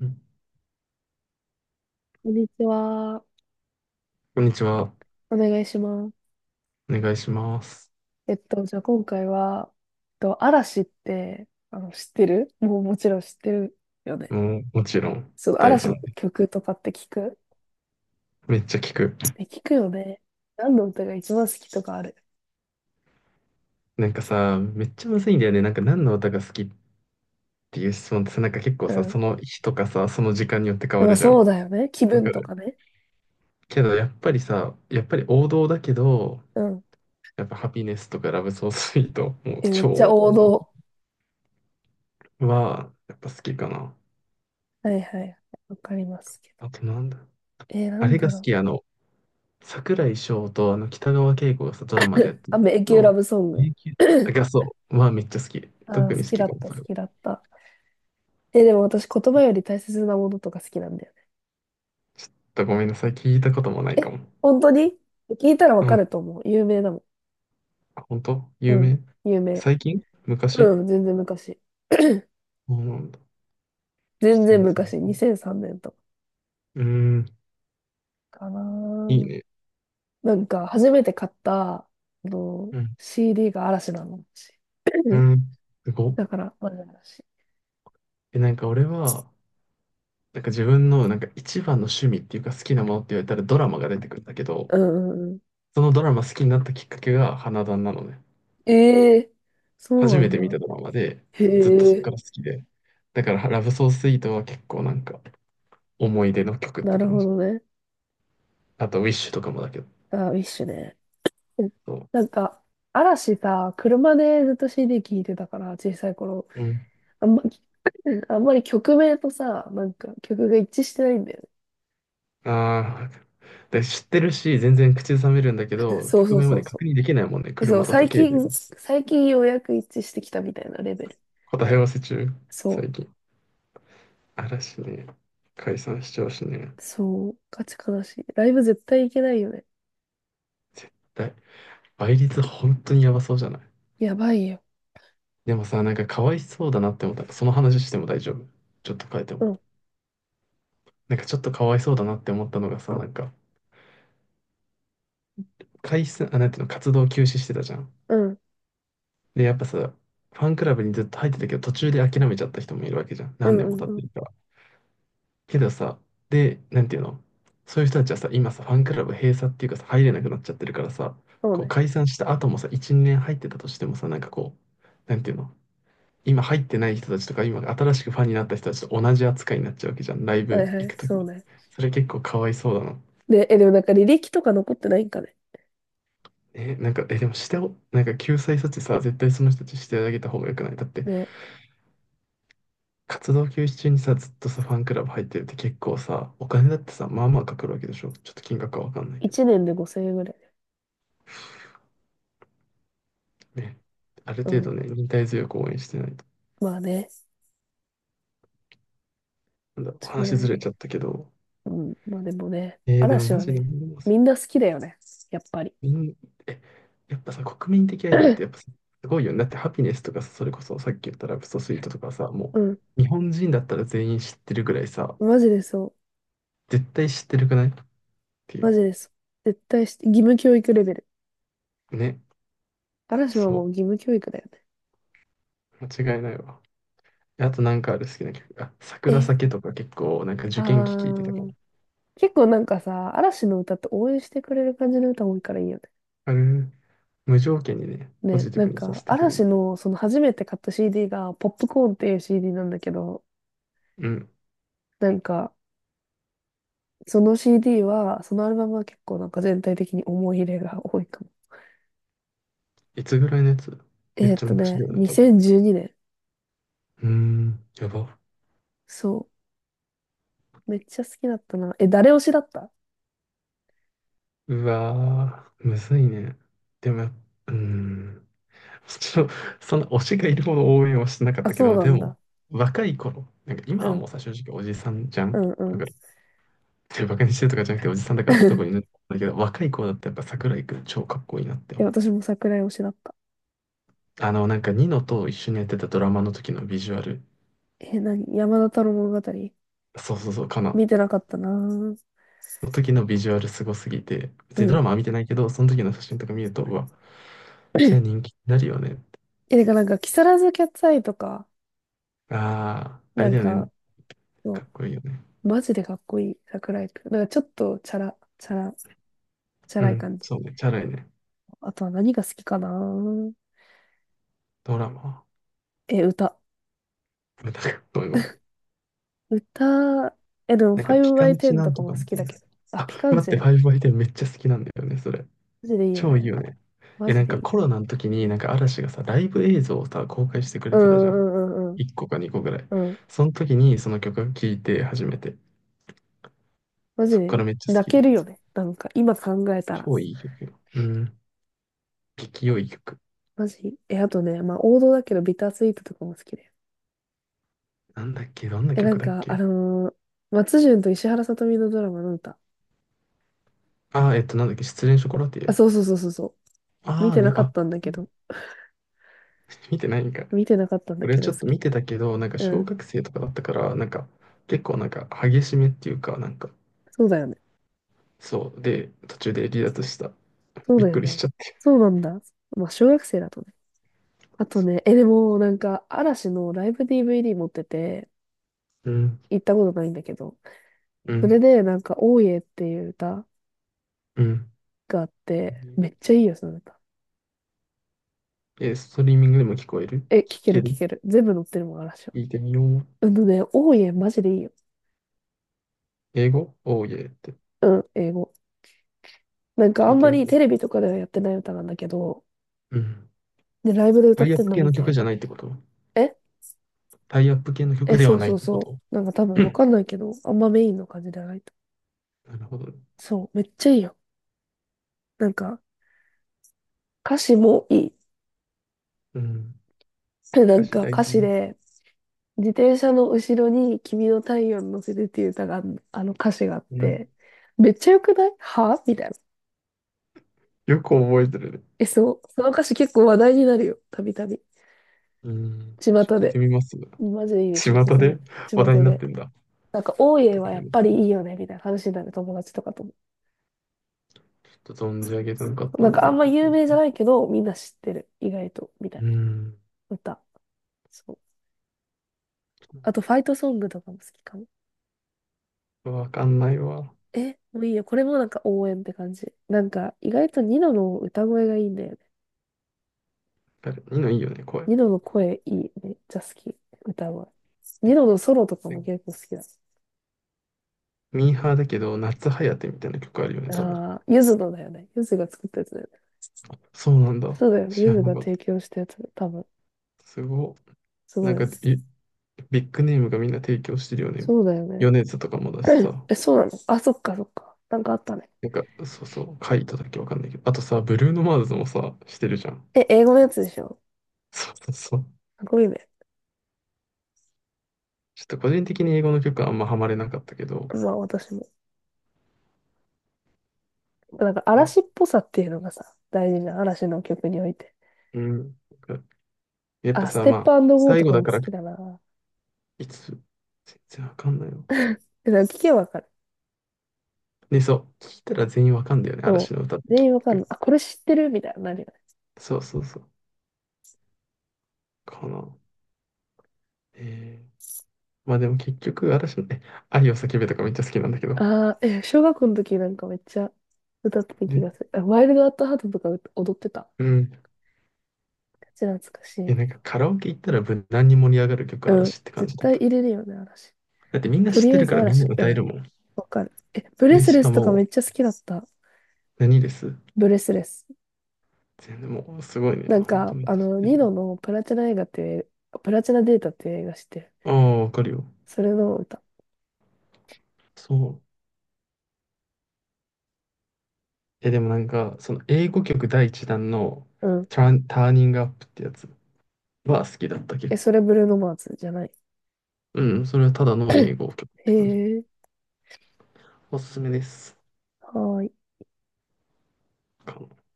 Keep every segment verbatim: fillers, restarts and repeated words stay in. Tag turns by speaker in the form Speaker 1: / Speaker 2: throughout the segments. Speaker 1: うん。
Speaker 2: こんにちは。
Speaker 1: こんにちは。
Speaker 2: お願いします。
Speaker 1: お願いします。
Speaker 2: えっと、じゃあ今回は、えっと、嵐って、あの、知ってるもうもちろん知ってるよね。
Speaker 1: もう、もちろん、
Speaker 2: その
Speaker 1: 大フ
Speaker 2: 嵐
Speaker 1: ァ
Speaker 2: の
Speaker 1: ンで。
Speaker 2: 曲とかって聞く？
Speaker 1: めっちゃ聞く。
Speaker 2: え、聞くよね。何の歌が一番好きとかある？
Speaker 1: なんかさ、めっちゃむずいんだよね。なんか何の歌が好きっていう質問ってさ、なんか結構
Speaker 2: う
Speaker 1: さ、
Speaker 2: ん。
Speaker 1: その日とかさ、その時間によって変わ
Speaker 2: まあ
Speaker 1: るじゃん。
Speaker 2: そうだよね。気
Speaker 1: わか
Speaker 2: 分と
Speaker 1: る
Speaker 2: かね。
Speaker 1: けど、やっぱりさ、やっぱり王道だけど、
Speaker 2: うん。
Speaker 1: やっぱハピネスとかラブソースイート、もう
Speaker 2: え、めっ
Speaker 1: 超
Speaker 2: ちゃ
Speaker 1: 王道
Speaker 2: 王
Speaker 1: の域
Speaker 2: 道。
Speaker 1: は、やっぱ好きかな。
Speaker 2: はいはい。わかりますけど。
Speaker 1: あとなんだ。
Speaker 2: えー、な
Speaker 1: あ
Speaker 2: ん
Speaker 1: れが
Speaker 2: だ
Speaker 1: 好
Speaker 2: ろう。
Speaker 1: き、あの、桜井翔とあの北川景子がさ、ドラマでやってる
Speaker 2: あ、迷宮
Speaker 1: の、
Speaker 2: ラブソング。
Speaker 1: 永久 がそう、まあめっちゃ好き。
Speaker 2: あ
Speaker 1: 特
Speaker 2: ー、
Speaker 1: に
Speaker 2: 好
Speaker 1: 好
Speaker 2: き
Speaker 1: き
Speaker 2: だ
Speaker 1: か
Speaker 2: っ
Speaker 1: も、
Speaker 2: た、
Speaker 1: そ
Speaker 2: 好
Speaker 1: れは。
Speaker 2: きだった。え、でも私言葉より大切なものとか好きなんだよ。
Speaker 1: ちょっとごめんなさい、聞いたこともないか
Speaker 2: え、
Speaker 1: も。
Speaker 2: 本当に？聞いたらわ
Speaker 1: う
Speaker 2: か
Speaker 1: ん、
Speaker 2: ると思う。有名だも
Speaker 1: 本当
Speaker 2: ん。う
Speaker 1: 有
Speaker 2: ん、
Speaker 1: 名。
Speaker 2: 有名。
Speaker 1: 最近昔、
Speaker 2: うん、全然昔。
Speaker 1: そうなんだ。ちょっ
Speaker 2: 全
Speaker 1: と全
Speaker 2: 然
Speaker 1: 然。
Speaker 2: 昔、にせんさんねんと
Speaker 1: うーん、
Speaker 2: かかな
Speaker 1: いい
Speaker 2: ー。
Speaker 1: ね。
Speaker 2: なんか、初めて買った、あの、
Speaker 1: うん、
Speaker 2: シーディー が嵐なの。私
Speaker 1: う ん、すごっ。
Speaker 2: だから、まだ嵐。
Speaker 1: え、なんか俺は、なんか自分のなんか一番の趣味っていうか好きなものって言われたらドラマが出てくるんだけど、
Speaker 2: うんうんうん。
Speaker 1: そのドラマ好きになったきっかけが花壇なのね。
Speaker 2: ええ、
Speaker 1: 初
Speaker 2: そうな
Speaker 1: め
Speaker 2: ん
Speaker 1: て見
Speaker 2: だ。
Speaker 1: たドラマで、
Speaker 2: へ
Speaker 1: ずっとそっか
Speaker 2: え、
Speaker 1: ら好きで。だから、ラブソースイートは結構なんか、思い出の曲っ
Speaker 2: な
Speaker 1: て
Speaker 2: る
Speaker 1: 感
Speaker 2: ほ
Speaker 1: じ。
Speaker 2: どね。
Speaker 1: あと、ウィッシュとかもだけど。
Speaker 2: あ、ウィッシュね。うん、
Speaker 1: そ
Speaker 2: なんか、嵐さ、車でずっと シーディー 聴いてたから、小さい頃。
Speaker 1: う。うん。
Speaker 2: あんま、あんまり曲名とさ、なんか曲が一致してないんだよ
Speaker 1: ああ。で、知ってるし、全然口ずさめるんだけ
Speaker 2: ね。
Speaker 1: ど、
Speaker 2: そう
Speaker 1: 曲
Speaker 2: そう
Speaker 1: 名ま
Speaker 2: そ
Speaker 1: で
Speaker 2: う
Speaker 1: 確
Speaker 2: そ
Speaker 1: 認できないもんね。
Speaker 2: う。そう、
Speaker 1: 車だと
Speaker 2: 最
Speaker 1: 携帯で。
Speaker 2: 近、最近ようやく一致してきたみたいなレベル。
Speaker 1: 答え合わせ中、
Speaker 2: そ
Speaker 1: 最近。嵐ね。解散しちゃうしね。
Speaker 2: う。そう。ガチ悲しい。ライブ絶対行けないよね。
Speaker 1: 絶対。倍率本当にやばそうじゃない？
Speaker 2: やばいよ。
Speaker 1: でもさ、なんかかわいそうだなって思った。その話しても大丈夫？ちょっと変えて
Speaker 2: う
Speaker 1: も。
Speaker 2: ん、
Speaker 1: なんかちょっとかわいそうだなって思ったのがさ、なんか、解散、あ、なんていうの、活動休止してたじゃん。
Speaker 2: うん、
Speaker 1: で、やっぱさ、ファンクラブにずっと入ってたけど、途中で諦めちゃった人もいるわけじゃん。
Speaker 2: う
Speaker 1: 何
Speaker 2: ん、
Speaker 1: 年
Speaker 2: う
Speaker 1: も
Speaker 2: ん、
Speaker 1: 経
Speaker 2: う
Speaker 1: って
Speaker 2: ん。
Speaker 1: るから。けどさ、で、なんていうの、そういう人たちはさ、今さ、ファンクラブ閉鎖っていうかさ、入れなくなっちゃってるからさ、
Speaker 2: そう
Speaker 1: こう
Speaker 2: ね。
Speaker 1: 解散した後もさ、いち、年入ってたとしてもさ、なんかこう、なんていうの、今入ってない人たちとか、今新しくファンになった人たちと同じ扱いになっちゃうわけじゃん。ライ
Speaker 2: はい
Speaker 1: ブ
Speaker 2: は
Speaker 1: 行
Speaker 2: い、
Speaker 1: くとき
Speaker 2: そう
Speaker 1: に。
Speaker 2: ね。
Speaker 1: それ結構かわいそうだな。
Speaker 2: で、え、でもなんか履歴とか残ってないんかね。
Speaker 1: え、なんか、え、でもしてお、なんか救済措置さ、絶対その人たちしてあげた方がよくない？だって、
Speaker 2: ね。
Speaker 1: 活動休止中にさ、ずっとさ、ファンクラブ入ってるって結構さ、お金だってさ、まあまあかかるわけでしょ。ちょっと金額はわかんないけど
Speaker 2: いちねんでごせんえんぐらい。
Speaker 1: ね。ある
Speaker 2: う
Speaker 1: 程
Speaker 2: ん。
Speaker 1: 度ね、忍耐強く応援してないと。
Speaker 2: まあね。
Speaker 1: なんだろう、
Speaker 2: そうだ
Speaker 1: 話ず
Speaker 2: よ
Speaker 1: れ
Speaker 2: ね。
Speaker 1: ちゃったけど。
Speaker 2: うん。まあでもね、
Speaker 1: えー、でも
Speaker 2: 嵐
Speaker 1: マ
Speaker 2: は
Speaker 1: ジで
Speaker 2: ね、
Speaker 1: 何でもせ
Speaker 2: みんな好きだよね。やっぱり。
Speaker 1: みん、え、やっぱさ、国民的アイドルって やっぱ すごいよね。だってハピネスとかさ、それこそさっき言ったラブソスイートとかさ、も
Speaker 2: うん。
Speaker 1: う日本人だったら全員知ってるぐらいさ、
Speaker 2: マジでそう。
Speaker 1: 絶対知ってるくないってい
Speaker 2: マ
Speaker 1: う。
Speaker 2: ジでそう。絶対して、義務教育レベル。
Speaker 1: ね。
Speaker 2: 嵐は
Speaker 1: そ
Speaker 2: もう義務教育だよね。
Speaker 1: う。間違いないわ。あとなんかある好きな曲。あ、桜
Speaker 2: え、
Speaker 1: 酒とか結構なんか
Speaker 2: あ
Speaker 1: 受験期聞いてたから。
Speaker 2: ー。結構なんかさ、嵐の歌って応援してくれる感じの歌多いからいいよね。
Speaker 1: あれ、無条件にね、ポ
Speaker 2: ね、
Speaker 1: ジティ
Speaker 2: なん
Speaker 1: ブにさ
Speaker 2: か、
Speaker 1: せてくれ
Speaker 2: 嵐
Speaker 1: る。
Speaker 2: のその初めて買った シーディー が、ポップコーンっていう シーディー なんだけど、
Speaker 1: うん。
Speaker 2: なんか、その CD は、そのアルバムは結構なんか全体的に思い入れが多いかも。
Speaker 1: いつぐらいのやつ？めっ
Speaker 2: えーっ
Speaker 1: ちゃ
Speaker 2: と
Speaker 1: 昔
Speaker 2: ね、
Speaker 1: だよね、多分。
Speaker 2: にせんじゅうにねん。
Speaker 1: うーん、やば。
Speaker 2: そう。めっちゃ好きだったな。え、誰推しだった？
Speaker 1: うわー、むずいね。でもやっ、うーん。ちょっと、そんな推しがいるほど応援はしてなかっ
Speaker 2: あ、
Speaker 1: たけ
Speaker 2: そう
Speaker 1: ど、
Speaker 2: な
Speaker 1: で
Speaker 2: ん
Speaker 1: も、
Speaker 2: だ。
Speaker 1: 若い頃、なんか今
Speaker 2: う
Speaker 1: はも
Speaker 2: ん、
Speaker 1: うさ、正直おじさんじゃ
Speaker 2: う
Speaker 1: ん。
Speaker 2: ん、
Speaker 1: わ
Speaker 2: うん。
Speaker 1: かる。でバカにしてるとかじゃなくておじさんだからどこ にねだけど、若い子だってやっぱ桜井くん超かっこいいなって
Speaker 2: え、
Speaker 1: 思う。
Speaker 2: 私も桜井推しだった。
Speaker 1: あの、なんかニノと一緒にやってたドラマの時のビジュアル、
Speaker 2: え、何？山田太郎物語？
Speaker 1: そうそうそう、かな。
Speaker 2: 見てなかったなぁ。
Speaker 1: の時のビジュアルすごすぎて、別
Speaker 2: う
Speaker 1: にド
Speaker 2: ん。
Speaker 1: ラマは見てないけど、その時の写真とか見ると、うわ、それは 人気になるよねって。
Speaker 2: え、てかなんか、木更津キャッツアイとか、
Speaker 1: ああ、あ
Speaker 2: な
Speaker 1: れ
Speaker 2: ん
Speaker 1: だよね。
Speaker 2: か、
Speaker 1: か
Speaker 2: そ
Speaker 1: っこいいよね。
Speaker 2: う、マジでかっこいい、桜井くん。なんかちょっとチャラ、チャラ、チャ
Speaker 1: う
Speaker 2: ラい
Speaker 1: ん、
Speaker 2: 感じ。
Speaker 1: そうね。チャラいね。
Speaker 2: あとは何が好きかなぁ？
Speaker 1: ドラマ。
Speaker 2: え、歌？
Speaker 1: なんか、ごめんごめん、
Speaker 2: 歌、え、でも
Speaker 1: なんかピカンチ
Speaker 2: ファイブバイテン
Speaker 1: な
Speaker 2: と
Speaker 1: ん
Speaker 2: か
Speaker 1: とか
Speaker 2: も好
Speaker 1: み
Speaker 2: き
Speaker 1: たい
Speaker 2: だけ
Speaker 1: な。
Speaker 2: ど。あ、
Speaker 1: あ、
Speaker 2: ピカン
Speaker 1: 待っ
Speaker 2: チ
Speaker 1: て、フ
Speaker 2: ね。
Speaker 1: ァイブアイテンめっちゃ好きなんだよね、それ。
Speaker 2: マジでいいよ
Speaker 1: 超いい
Speaker 2: ね。
Speaker 1: よね。
Speaker 2: マ
Speaker 1: え、
Speaker 2: ジ
Speaker 1: なん
Speaker 2: でい
Speaker 1: か
Speaker 2: い。
Speaker 1: コロナの時になんか嵐がさ、ライブ映像をさ、公開してく
Speaker 2: う
Speaker 1: れてたじゃ
Speaker 2: ん
Speaker 1: ん。
Speaker 2: うんうんうん
Speaker 1: いっこかにこぐらい。
Speaker 2: うん。うん。
Speaker 1: その時にその曲を聴いて初めて。
Speaker 2: マジ
Speaker 1: そっか
Speaker 2: で
Speaker 1: らめっちゃ好
Speaker 2: 泣
Speaker 1: き
Speaker 2: け
Speaker 1: で
Speaker 2: るよ
Speaker 1: す。
Speaker 2: ね。なんか、今考えたら。
Speaker 1: 超いい曲よ。うん。激良い曲。
Speaker 2: マジ。え、あとね、まあ王道だけどビタースイートとかも好きで。
Speaker 1: なんだっけ？どんな
Speaker 2: え、な
Speaker 1: 曲
Speaker 2: ん
Speaker 1: だっ
Speaker 2: か、あ
Speaker 1: け？
Speaker 2: のー松潤と石原さとみのドラマの歌。
Speaker 1: あー、えっと、なんだっけ失恋ショコラティ
Speaker 2: あ、
Speaker 1: エ。
Speaker 2: そうそうそうそうそう。見
Speaker 1: ああ
Speaker 2: てな
Speaker 1: ね、
Speaker 2: かっ
Speaker 1: あ、
Speaker 2: たんだ
Speaker 1: そ
Speaker 2: け
Speaker 1: うだ。
Speaker 2: ど。
Speaker 1: 見てないんかい。
Speaker 2: 見てなかったんだ
Speaker 1: 俺
Speaker 2: け
Speaker 1: ち
Speaker 2: ど
Speaker 1: ょ
Speaker 2: 好
Speaker 1: っと
Speaker 2: き。
Speaker 1: 見てたけど、なんか
Speaker 2: う
Speaker 1: 小
Speaker 2: ん。
Speaker 1: 学生とかだったから、なんか結構なんか激しめっていうか、なんか、
Speaker 2: そうだよね。
Speaker 1: そう。で、途中で離脱した。
Speaker 2: そう
Speaker 1: びっ
Speaker 2: だよ
Speaker 1: くりし
Speaker 2: ね。
Speaker 1: ちゃって。
Speaker 2: そうなんだ。まあ小学生だとね。あと
Speaker 1: そ
Speaker 2: ね、え、でもなんか嵐のライブ ディーブイディー 持ってて、
Speaker 1: う、うん
Speaker 2: 行ったことないんだけど。
Speaker 1: う
Speaker 2: それ
Speaker 1: ん、
Speaker 2: でなんか、大江っていう歌
Speaker 1: うん。
Speaker 2: があって、めっちゃいいよ、その歌。
Speaker 1: え、ストリーミングでも聞こえる？
Speaker 2: え、聴
Speaker 1: 聞
Speaker 2: け
Speaker 1: け
Speaker 2: る
Speaker 1: る？
Speaker 2: 聴ける。全部載ってるもん、嵐は。
Speaker 1: 聞いてみよう。
Speaker 2: うんとね、オーマジでいいよ。
Speaker 1: 英語おーいえって？
Speaker 2: うん、英語。なんかあ
Speaker 1: 聞い
Speaker 2: ん
Speaker 1: て
Speaker 2: ま
Speaker 1: み
Speaker 2: り
Speaker 1: よ
Speaker 2: テレビとかではやってない歌なんだけど、
Speaker 1: う。うん。
Speaker 2: で、ライブで歌
Speaker 1: タ
Speaker 2: っ
Speaker 1: イアッ
Speaker 2: てん
Speaker 1: プ
Speaker 2: の
Speaker 1: 系
Speaker 2: 見
Speaker 1: の曲
Speaker 2: て、
Speaker 1: じゃないってこと？
Speaker 2: え
Speaker 1: タイアップ系の
Speaker 2: え、
Speaker 1: 曲で
Speaker 2: そ
Speaker 1: は
Speaker 2: う
Speaker 1: ない
Speaker 2: そ
Speaker 1: っ
Speaker 2: う
Speaker 1: てこ
Speaker 2: そ
Speaker 1: と？
Speaker 2: う。なんか多
Speaker 1: う
Speaker 2: 分わ
Speaker 1: ん。
Speaker 2: かんないけど、あんまメインの感じじゃないと。
Speaker 1: なるほど。
Speaker 2: そう、めっちゃいいよ。なんか、歌詞もいい。
Speaker 1: うん。
Speaker 2: でな
Speaker 1: 歌
Speaker 2: ん
Speaker 1: 詞
Speaker 2: か
Speaker 1: 大
Speaker 2: 歌詞
Speaker 1: 事。
Speaker 2: で、自転車の後ろに君の太陽に乗せてっていう歌があん、あの歌詞があっ
Speaker 1: うん。
Speaker 2: て、めっちゃ良くない？はみたいな。
Speaker 1: よく覚えてるね。
Speaker 2: え、そう。その歌詞結構話題になるよ。たびたび。
Speaker 1: うん。
Speaker 2: 巷
Speaker 1: ちょっと聞いて
Speaker 2: で。
Speaker 1: みます。
Speaker 2: マジでいいです。
Speaker 1: 巷
Speaker 2: おすすめ。
Speaker 1: で話
Speaker 2: 巷
Speaker 1: 題になっ
Speaker 2: で。
Speaker 1: てんだ。
Speaker 2: なんか、大家は
Speaker 1: ご
Speaker 2: や
Speaker 1: めん
Speaker 2: っ
Speaker 1: なさ
Speaker 2: ぱ
Speaker 1: い。
Speaker 2: りいいよね、みたいな話になる友達とかとも。
Speaker 1: ちょっと存じ上げてなかった
Speaker 2: なん
Speaker 1: の
Speaker 2: か、あん
Speaker 1: で。
Speaker 2: ま有名じゃないけど、みんな知ってる。意外と、みたい
Speaker 1: う
Speaker 2: な
Speaker 1: ん。
Speaker 2: 歌。そう。あと、ファイトソングとかも好きかも。
Speaker 1: わかんないわ。
Speaker 2: え、もういいよ。これもなんか応援って感じ。なんか、意外とニノの歌声がいいんだよね。
Speaker 1: あれニいのいいよね、声。
Speaker 2: ニノの声いいね。めっちゃ好き。歌声。ニノのソロとかも結構好きだ。
Speaker 1: ミーハーだけど、夏ハヤテみたいな曲あるよね、多分。
Speaker 2: ああ、ゆずのだよね。ゆずが作ったやつだよね。
Speaker 1: そうなんだ。
Speaker 2: そうだよ。
Speaker 1: 知
Speaker 2: ゆ
Speaker 1: ら
Speaker 2: ず
Speaker 1: な
Speaker 2: が
Speaker 1: かっ
Speaker 2: 提
Speaker 1: た。
Speaker 2: 供したやつだよ。多分。
Speaker 1: すご
Speaker 2: す
Speaker 1: い。
Speaker 2: ご
Speaker 1: なん
Speaker 2: いよ
Speaker 1: か、
Speaker 2: ね。
Speaker 1: い、ビッグネームがみんな提供してるよね。
Speaker 2: そうだよね。
Speaker 1: 米津とかもだ し
Speaker 2: うん、
Speaker 1: さ。
Speaker 2: え、そうなの？あ、そっかそっか。なんかあったね。
Speaker 1: なんか、そうそう、カイトだっけわかんないけど。あとさ、ブルーノ・マーズもさ、してるじゃん。
Speaker 2: え、英語のやつでしょ？
Speaker 1: そうそうそう。
Speaker 2: すごいね。
Speaker 1: ちょっと個人的に英語の曲はあんまハマれなかったけど。
Speaker 2: まあ私も。なんか
Speaker 1: ね、
Speaker 2: 嵐っぽさっていうのがさ、大事な嵐の曲において。
Speaker 1: うん。なんかやっぱ
Speaker 2: あ、ス
Speaker 1: さ、
Speaker 2: テッ
Speaker 1: ま
Speaker 2: プ
Speaker 1: あ、
Speaker 2: ゴー
Speaker 1: 最
Speaker 2: と
Speaker 1: 後
Speaker 2: か
Speaker 1: だ
Speaker 2: も
Speaker 1: か
Speaker 2: 好
Speaker 1: ら、
Speaker 2: きだな。
Speaker 1: いつ、全然わかんないよ。
Speaker 2: え、なんか聞けばわかる。
Speaker 1: ね、そう。聞いたら全員わかんだよね、
Speaker 2: そ
Speaker 1: 嵐
Speaker 2: う。
Speaker 1: の歌って
Speaker 2: 全
Speaker 1: 結
Speaker 2: 員わかんな
Speaker 1: 局。
Speaker 2: い。あ、これ知ってるみたいな、なるよね。
Speaker 1: そうそうそう。かな。えー、まあでも結局私もね、愛を叫べとかめっちゃ好きなんだけど。
Speaker 2: あー、え、小学校の時なんかめっちゃ歌ってた気
Speaker 1: で、
Speaker 2: がする。あ、ワイルドアットハートとか歌踊ってた。
Speaker 1: うん。
Speaker 2: めっ懐かし
Speaker 1: え、
Speaker 2: い。
Speaker 1: なんかカラオケ行ったら無難に盛り上がる曲
Speaker 2: うん。
Speaker 1: 嵐って感
Speaker 2: 絶
Speaker 1: じだっ
Speaker 2: 対
Speaker 1: た。
Speaker 2: 入れるよね、嵐。
Speaker 1: だってみんな
Speaker 2: と
Speaker 1: 知っ
Speaker 2: り
Speaker 1: て
Speaker 2: あえ
Speaker 1: るか
Speaker 2: ず
Speaker 1: らみんな
Speaker 2: 嵐。う
Speaker 1: 歌え
Speaker 2: ん。
Speaker 1: るもん。
Speaker 2: わかる。え、ブレ
Speaker 1: で、
Speaker 2: ス
Speaker 1: し
Speaker 2: レ
Speaker 1: か
Speaker 2: スとか
Speaker 1: も、
Speaker 2: めっちゃ好きだった。
Speaker 1: 何です、
Speaker 2: ブレスレス。
Speaker 1: 全然もうすごいね。
Speaker 2: なん
Speaker 1: 本当
Speaker 2: か、
Speaker 1: めっ
Speaker 2: あ
Speaker 1: ちゃ知っ
Speaker 2: の、
Speaker 1: て
Speaker 2: ニ
Speaker 1: る。
Speaker 2: ノのプラチナ映画っていう、プラチナデータっていう映画してる。
Speaker 1: ああ、わかるよ。
Speaker 2: それの歌。
Speaker 1: そう。え、でもなんか、その英語曲第一弾の
Speaker 2: うん。
Speaker 1: ターン、ターニングアップってやつは好きだった結
Speaker 2: え、そ
Speaker 1: 構。
Speaker 2: れブルーノマーズじゃない？
Speaker 1: うん、それはただの英語曲っ
Speaker 2: へ
Speaker 1: て感じ。
Speaker 2: え、
Speaker 1: おすすめです。
Speaker 2: はーい。
Speaker 1: か、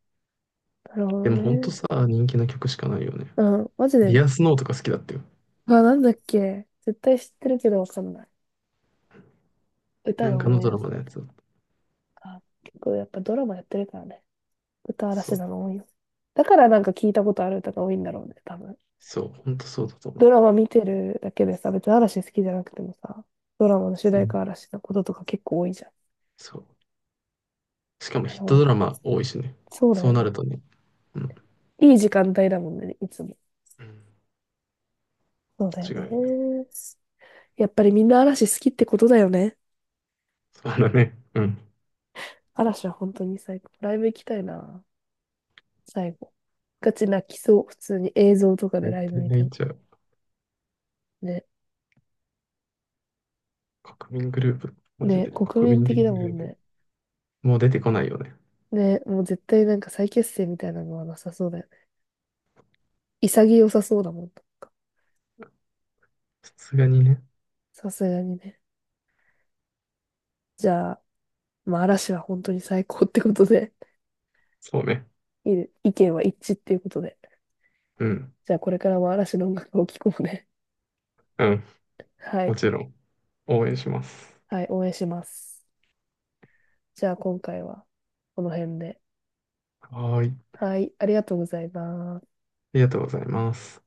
Speaker 2: なるほど
Speaker 1: でもほんと
Speaker 2: ね。
Speaker 1: さ、人気な曲しかないよね。
Speaker 2: うん、マジ
Speaker 1: デ
Speaker 2: で。
Speaker 1: ィアスノーとか好きだったよ。
Speaker 2: あ、なんだっけ。絶対知ってるけどわかんない。歌
Speaker 1: なん
Speaker 2: が
Speaker 1: かの
Speaker 2: 思い
Speaker 1: ド
Speaker 2: 出
Speaker 1: ラ
Speaker 2: せ
Speaker 1: マ
Speaker 2: な
Speaker 1: の
Speaker 2: い。
Speaker 1: やつだっ
Speaker 2: あ、結構やっぱドラマやってるからね。歌、
Speaker 1: た。そ
Speaker 2: 嵐
Speaker 1: う。
Speaker 2: なの多いよ。だからなんか聞いたことある歌が多いんだろうね、多分。
Speaker 1: そう。ほんとそうだと思
Speaker 2: ド
Speaker 1: う。
Speaker 2: ラマ見てるだけでさ、別に嵐好きじゃなくてもさ、ドラマの主
Speaker 1: う
Speaker 2: 題
Speaker 1: ん。
Speaker 2: 歌嵐のこととか結構多いじゃん。
Speaker 1: そう。しかも
Speaker 2: な
Speaker 1: ヒ
Speaker 2: る
Speaker 1: ッ
Speaker 2: ほ
Speaker 1: トド
Speaker 2: ど。
Speaker 1: ラマ多いしね。
Speaker 2: そうだ
Speaker 1: そう
Speaker 2: よ
Speaker 1: なる
Speaker 2: ね。
Speaker 1: とね。うん。
Speaker 2: いい時間帯だもんね、いつも。
Speaker 1: うん。
Speaker 2: そうだよ
Speaker 1: 違うな
Speaker 2: ね。
Speaker 1: ね。
Speaker 2: やっぱりみんな嵐好きってことだよね。
Speaker 1: そうだね。うん。
Speaker 2: 嵐は本当に最高。ライブ行きたいな、最後。ガチ泣きそう、普通に映像とか
Speaker 1: 大
Speaker 2: でライブ
Speaker 1: 体
Speaker 2: 見
Speaker 1: ネ
Speaker 2: て
Speaker 1: イ
Speaker 2: も。
Speaker 1: チャー。
Speaker 2: ね。
Speaker 1: 国民グループ。マジ
Speaker 2: ね、
Speaker 1: で。
Speaker 2: 国
Speaker 1: 国
Speaker 2: 民
Speaker 1: 民的
Speaker 2: 的だ
Speaker 1: グ
Speaker 2: も
Speaker 1: ル
Speaker 2: ん
Speaker 1: ープ。
Speaker 2: ね。
Speaker 1: もう出てこないよね。
Speaker 2: ね、もう絶対なんか再結成みたいなのはなさそうだよね。潔さそうだもん、なんか。
Speaker 1: さすがにね。
Speaker 2: さすがにね。じゃあ、まあ嵐は本当に最高ってことで、
Speaker 1: そうね。
Speaker 2: いいね、意見は一致っていうことで。
Speaker 1: うん。
Speaker 2: じゃあこれからも嵐の音楽を聴こうね。
Speaker 1: うん。
Speaker 2: は
Speaker 1: も
Speaker 2: い。
Speaker 1: ちろん。応援します。
Speaker 2: はい、応援します。じゃあ今回はこの辺で。
Speaker 1: はーい。あ
Speaker 2: はい、ありがとうございます。
Speaker 1: りがとうございます。